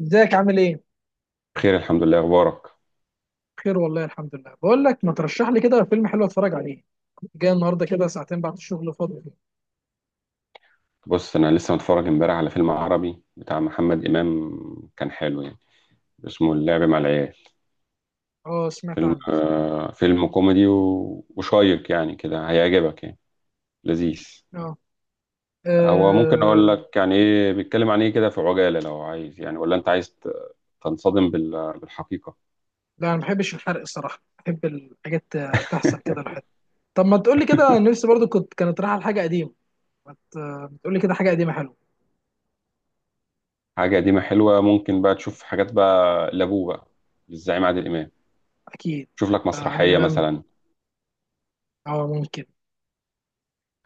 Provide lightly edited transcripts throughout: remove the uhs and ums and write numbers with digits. ازيك؟ عامل ايه؟ بخير الحمد لله، اخبارك. بخير والله الحمد لله. بقول لك، ما ترشح لي كده فيلم حلو اتفرج عليه. كنت جاي النهارده كده ساعتين بعد الشغل فاضي. بص، انا لسه متفرج امبارح على فيلم عربي بتاع محمد امام. كان حلو يعني. اسمه اللعب مع العيال. اه، سمعت فيلم عنه. فيلم كوميدي وشيق يعني كده، هيعجبك يعني. لذيذ. اه. هو ممكن اقول آه، لك يعني ايه بيتكلم عن ايه كده في عجالة، لو عايز يعني، ولا انت عايز تنصدم بالحقيقة؟ لا انا ما بحبش الحرق الصراحه، بحب الحاجات تحصل كده لحد. طب ما تقول لي كده، نفسي برضو كنت كانت رايحه لحاجه قديمه. ما تقول لي كده حاجه قديمه حلوه. حاجة قديمة حلوة، ممكن بقى تشوف حاجات بقى لابوه بقى، للزعيم عادل امام. اكيد. شوف لك عادل مسرحية امام. مثلا. اه ممكن.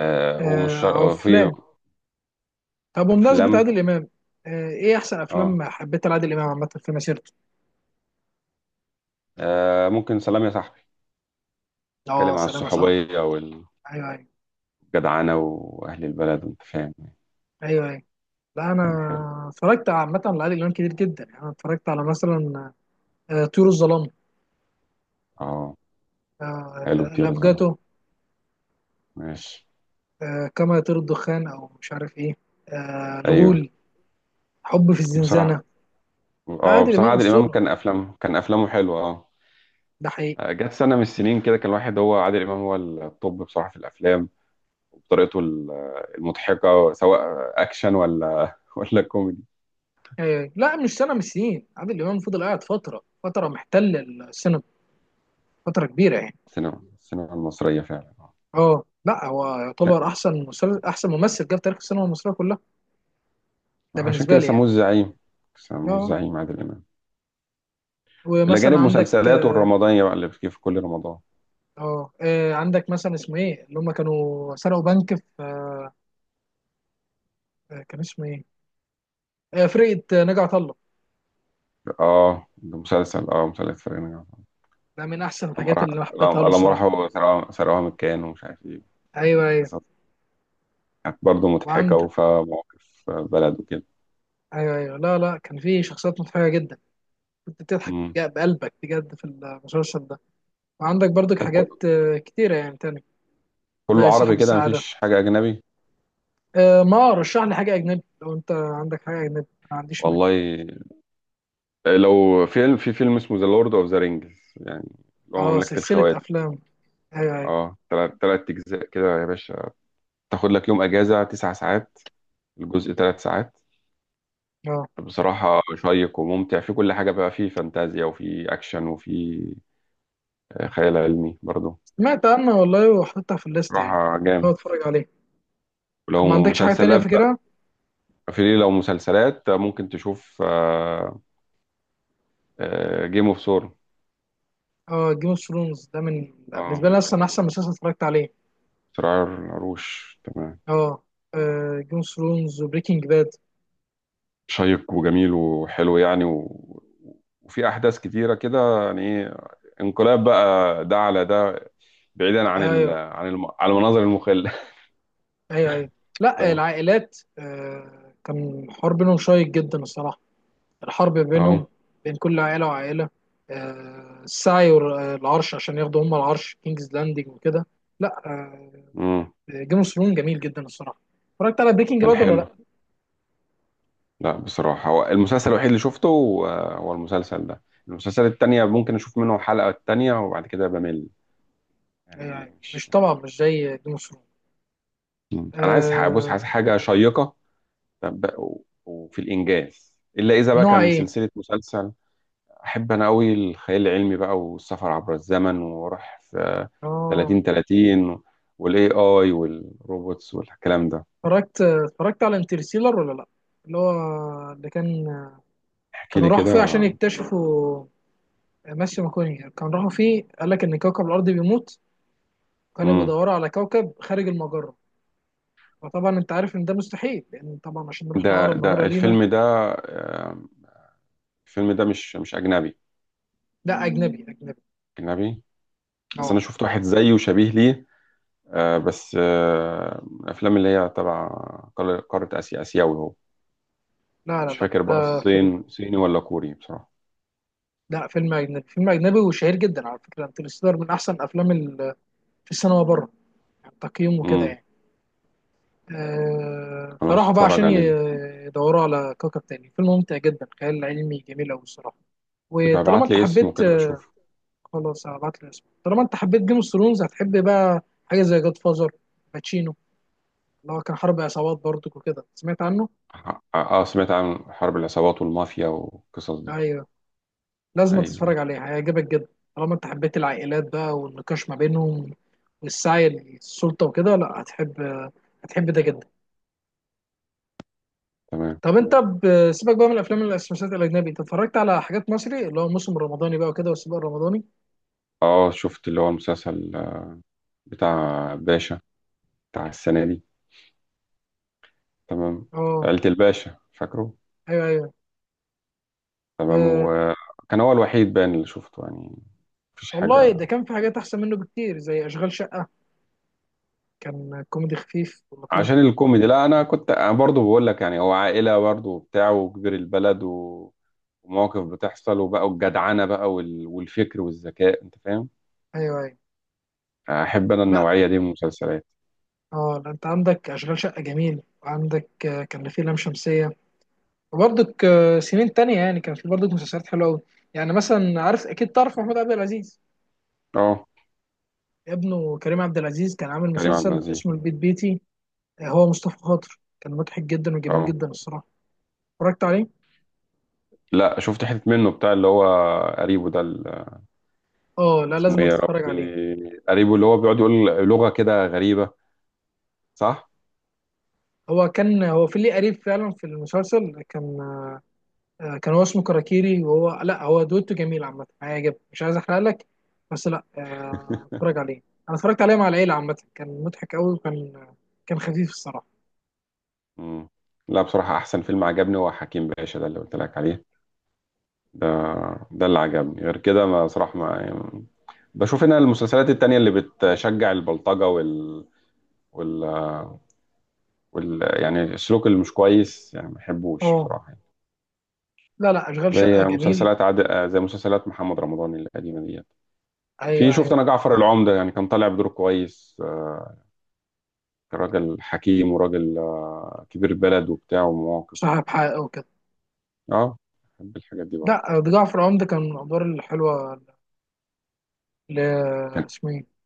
آه ومش او في افلام. طب بمناسبه افلام. عادل امام، ايه احسن اه افلام حبيتها لعادل امام عامه في مسيرته؟ آه ممكن. سلام يا صاحبي، اه، اتكلم عن سلام يا صاحبي. الصحوبية ايوه ايوه. والجدعنة وأهل البلد وأنت فاهم. ايوه ايوه. لا انا كان حلو. اتفرجت عامه على عادل امام كتير جدا يعني. انا اتفرجت على مثلا طيور الظلام، اه حلو طيور الظلام. الافجاتو، ماشي. كما يطير الدخان او مش عارف ايه، أيوه. الغول، حب في الزنزانه. بصراحة لا اه، عادل بصراحة امام عادل إمام اسطوره، كان أفلامه حلوة اه. ده حقيقي. آه، جت سنة من السنين كده كان الواحد هو عادل إمام، هو الطب بصراحة في الأفلام، وبطريقته المضحكة، سواء أكشن ولا ولا كوميدي. لا مش سنه، مش سنين. عادل امام فضل قاعد فتره محتل السينما، فتره كبيره يعني. السينما المصرية فعلا. اه لا، هو يعتبر عشان احسن احسن ممثل جه في تاريخ السينما المصريه كلها، ده عشان بالنسبه كده لي يعني. سموه الزعيم. سموه اه. الزعيم عادل إمام، إلى ومثلا جانب عندك، مسلسلاته الرمضانية بقى اللي بتجي في كل رمضان. اه عندك مثلا اسمه ايه اللي هم كانوا سرقوا بنك في، كان اسمه ايه، فرقه ناجي عطا الله. اه ده مسلسل فرقة ناجي ده من احسن الحاجات اللي أنا حبيتها له لما الصراحه. راحوا سرقوها من الكيان ومش عارف ايه. ايوه ايوه. قصص كانت برضه مضحكة وعند، وفيها مواقف بلد وكده. ايوه ايوه. لا لا، كان في شخصيات مضحكه جدا، كنت بتضحك مم. بقلبك بجد في المسلسل ده. وعندك برضك طب حاجات كتيره يعني تاني، كله زي عربي صاحب كده، السعاده. مفيش حاجة أجنبي. ما رشح لي حاجه اجنبي، لو انت عندك حاجه اجنبي ما عنديش مانع. والله لو فيلم، في فيلم اسمه ذا لورد اوف ذا رينجز يعني، اللي هو اه، مملكة سلسله الخواتم. افلام. ايوه ايوه. اه تلات أجزاء كده يا باشا. تاخد لك يوم أجازة تسع ساعات، الجزء تلات ساعات. اه، بصراحة شيق وممتع في كل حاجة، بقى فيه فانتازيا وفي أكشن وفي خيال علمي برضو. سمعت عنها والله وحطيتها في الليسته يعني. بصراحة هو جامد. اتفرج عليها؟ ما ولو عندكش حاجه تانية مسلسلات بقى، فاكرها؟ في لو مسلسلات ممكن تشوف جيم اوف ثرونز. اه، جيم اوف ثرونز ده من اه بالنسبه لي اصلا احسن مسلسل اتفرجت عليه. صراع العروش تمام. اه، جيم اوف ثرونز وبريكنج باد. شيق وجميل وحلو يعني و... وفي أحداث كتيرة كده، يعني إيه، انقلاب بقى ده على ده، بعيدا عن ال... ايوه عن الم... على المناظر المخلة. ايوه. ايوه. لا تمام. العائلات آه، كان حوار بينهم شيق جدا الصراحه، الحرب بينهم، اه. بين كل عائله وعائله، آه السعي والعرش عشان ياخدوا هم العرش كينجز لاندنج وكده. لا آه، مم. جيم اوف ثرونز جميل جدا الصراحه. اتفرجت على بريكنج كان باد ولا حلو. لا؟ لا بصراحة، هو المسلسل الوحيد اللي شفته هو المسلسل ده. المسلسل التانية ممكن أشوف منه حلقة التانية وبعد كده بمل، يعني يعني مش، مش. طبعا مش زي جيم اوف ثرونز. مم. أنا عايز بص، عايز آه. حاجة شيقة. طب- و- وفي الإنجاز إلا إذا بقى نوع كان ايه؟ سلسلة مسلسل. أحب أنا أوي الخيال العلمي بقى والسفر عبر الزمن وأروح في اه. 30 30 والاي اي والروبوتس والكلام ده. اتفرجت، اتفرجت على انترستيلر ولا لا؟ اللي هو، اللي كان، احكي كانوا لي راحوا كده. فيه عشان يكتشفوا، ماسيو ماكوني، كانوا راحوا فيه قال لك ان كوكب الارض بيموت، كانوا مم. بيدوروا على كوكب خارج المجره، فطبعا انت عارف ان ده مستحيل لان طبعا عشان نروح ده لاقرب ده مجره لينا. الفيلم ده؟ آه، الفيلم ده مش أجنبي؟ لا اجنبي اجنبي. أجنبي. أصل اه، أنا شفت واحد زيه وشبيه ليه آه بس آه من الأفلام اللي هي تبع قارة آسيا، آسيوي هو. لا لا مش لا، فاكر بقى ده فيلم، الصين صيني ولا كوري بصراحة. لا فيلم اجنبي، فيلم اجنبي وشهير جدا على فكره. انترستيلر من احسن افلام في السينما بره، يعني تقييمه كده امم يعني. خلاص فراحوا بقى اتفرج عليه ده. يدوروا على كوكب تاني. فيلم ممتع جدا، خيال علمي جميل أوي الصراحة. يبقى وطالما ابعت أنت لي اسمه حبيت، كده بشوف. خلاص هبعت لي اسمه. طالما أنت حبيت جيم اوف ثرونز، هتحب بقى حاجة زي جاد فازر باتشينو، اللي هو كان حرب عصابات برضك وكده. سمعت عنه؟ اه سمعت عن حرب العصابات والمافيا والقصص دي. أيوه. لازم ايوه تتفرج عليه، هيعجبك جدا. طالما أنت حبيت العائلات بقى والنقاش ما بينهم والسعي للسلطة وكده، لا هتحب، هتحب ده جدا. تمام. طب انت سيبك بقى من الافلام والمسلسلات الاجنبي، انت اتفرجت على حاجات مصري اللي هو موسم الرمضاني بقى وكده والسباق الرمضاني؟ اه شفت اللي هو المسلسل بتاع باشا بتاع السنة دي. تمام. اه. عيلة الباشا فاكره. ايوه ايوه. تمام، أه وكان هو الوحيد بان اللي شفته يعني. مفيش والله، حاجة. ده كان في حاجات احسن منه بكتير زي اشغال شقه، كان كوميدي خفيف ولطيف. عشان الكوميدي، لا انا كنت أنا برضو بقول لك يعني، هو عائله برضو وبتاع وكبير البلد و... ومواقف بتحصل، وبقى الجدعنه بقى والفكر والذكاء انت فاهم. ايوه ايوه. احب انا لا النوعيه دي من المسلسلات. اه لا، انت عندك اشغال شقه جميل، وعندك كان في لام شمسيه، وبرضك سنين تانية يعني كان في برضك مسلسلات حلوه قوي. يعني مثلا، عارف اكيد، تعرف محمود عبد العزيز؟ اه ابنه كريم عبد العزيز كان عامل كريم عبد مسلسل العزيز. اسمه البيت بيتي، هو مصطفى خاطر، كان مضحك جدا وجميل اه جدا الصراحه. اتفرجت عليه؟ لا، شفت حته منه بتاع اللي هو قريبه ده اه لا، اسمه ايه لازم يا تتفرج عليه. ربي، قريبه اللي هو بيقعد يقول لغه كده غريبه، صح؟ هو كان هو في ليه قريب فعلا في المسلسل كان، كان هو اسمه كراكيري، وهو لا، هو دويتو جميل عامه، هيعجبك، مش عايز احرق لك، بس لا اتفرج عليه. انا اتفرجت عليه مع العيله عامه، كان مضحك قوي وكان، كان خفيف الصراحه. مم. لا بصراحه، احسن فيلم عجبني هو حكيم باشا ده اللي قلت لك عليه. ده ده اللي عجبني، غير كده ما صراحة ما يعني بشوف ان المسلسلات التانية اللي بتشجع البلطجة وال وال يعني السلوك اللي مش كويس، يعني ما بحبوش اه بصراحة يعني. لا لا، اشغال شقه زي جميل. مسلسلات عاد آه، زي مسلسلات محمد رمضان القديمة ديت. في ايوه شفت ايوه انا ايوه، جعفر معاك. العمدة، يعني كان طالع بدور كويس كان راجل حكيم وراجل كبير بلد وبتاع ومواقف. صاحب حقه وكده. اه بحب الحاجات دي برضه. لا ده جعفر العمدة كان من الادوار الحلوه. ل، كان اسمه ايه؟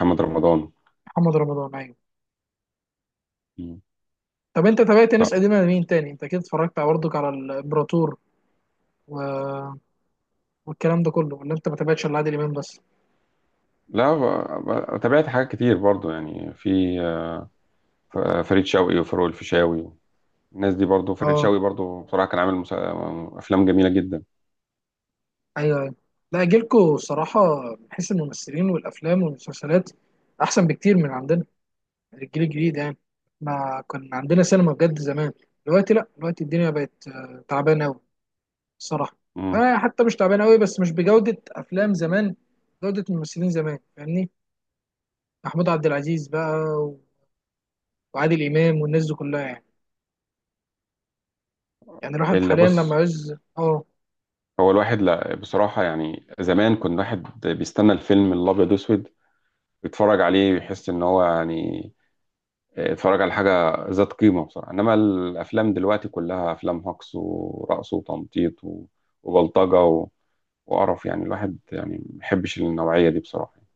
محمد رمضان. محمد رمضان، أيوة. مم. طب انت تابعت طب ناس قديمه لمين تاني؟ انت اكيد اتفرجت على، برضك على الامبراطور و... والكلام ده كله، ولا انت ما تابعتش الا عادل امام بس؟ لا تابعت حاجات كتير برضو يعني في فريد شوقي وفاروق الفيشاوي، الناس دي برضو. فريد شوقي اه. برضو بصراحة كان عامل أفلام جميلة جدا. ايوه ايوه. لا جيلكوا الصراحه، من حيث الممثلين والافلام والمسلسلات، احسن بكتير من عندنا، الجيل الجديد يعني. ما كان عندنا سينما بجد زمان. دلوقتي لا، دلوقتي الدنيا بقت تعبانه قوي الصراحه. مم. آه حتى مش تعبانه قوي، بس مش بجوده افلام زمان، جوده الممثلين زمان، فاهمني. محمود عبد العزيز بقى، و- وعادل امام والناس دي كلها يعني. يعني الواحد اللي حاليا لما بص، عايز اه. هو الواحد لا بصراحة يعني، زمان كان الواحد بيستنى الفيلم الأبيض وأسود يتفرج عليه ويحس إن هو يعني اتفرج على حاجة ذات قيمة بصراحة. إنما الأفلام دلوقتي كلها أفلام هجص ورقص وتنطيط وبلطجة وقرف، يعني الواحد يعني ما بيحبش النوعية دي بصراحة يعني.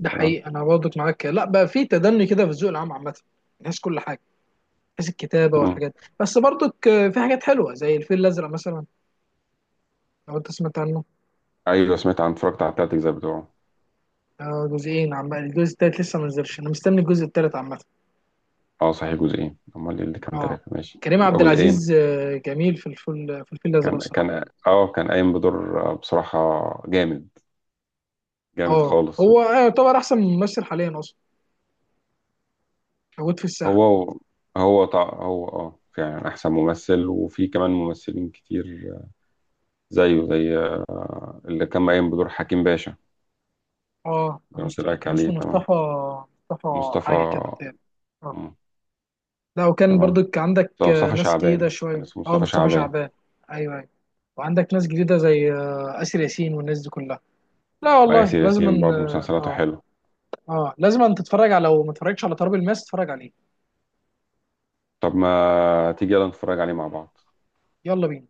ده تمام. حقيقي، انا برضك معاك، لا بقى في تدني كده في الذوق العام عامه، من حيث كل حاجه، من حيث الكتابه مم. والحاجات. بس برضك في حاجات حلوه زي الفيل الازرق مثلا، لو انت سمعت عنه. أيوه، سمعت عن، اتفرجت على التلات أجزاء بتوعه. جزئين، عم الجزء التالت لسه ما نزلش، انا مستني الجزء التالت عامه. اه صحيح جزئين، امال ايه اللي كان اه، ثلاثه؟ ماشي كريم يبقى عبد جزئين. العزيز جميل في الفل في الفيل الازرق كان صراحه. كان اه كان قايم بدور بصراحه جامد، جامد اه خالص هو يعتبر احسن ممثل حاليا اصلا موجود في الساحه. هو هو فعلا احسن ممثل، وفي كمان ممثلين كتير آه، زيه زي اللي كان قايم بدور حكيم باشا اه اللي قلت لك كان عليه. اسمه تمام مصطفى، مصطفى حاجه مصطفى. كده بتاع. آه. مم. لا وكان تمام، برضك عندك مصطفى ناس جديدة شعبان كان شوية، اسمه اه مصطفى مصطفى شعبان. شعبان. ايوه ايوه. وعندك ناس جديدة زي آسر ياسين والناس دي كلها. لا والله وآسر لازم ياسين أن برضه مسلسلاته اه، حلوه. اه لازم أن تتفرج على، لو ما اتفرجتش على تراب الماس تتفرج عليه. طب ما تيجي يلا نتفرج عليه مع بعض. يلا بينا.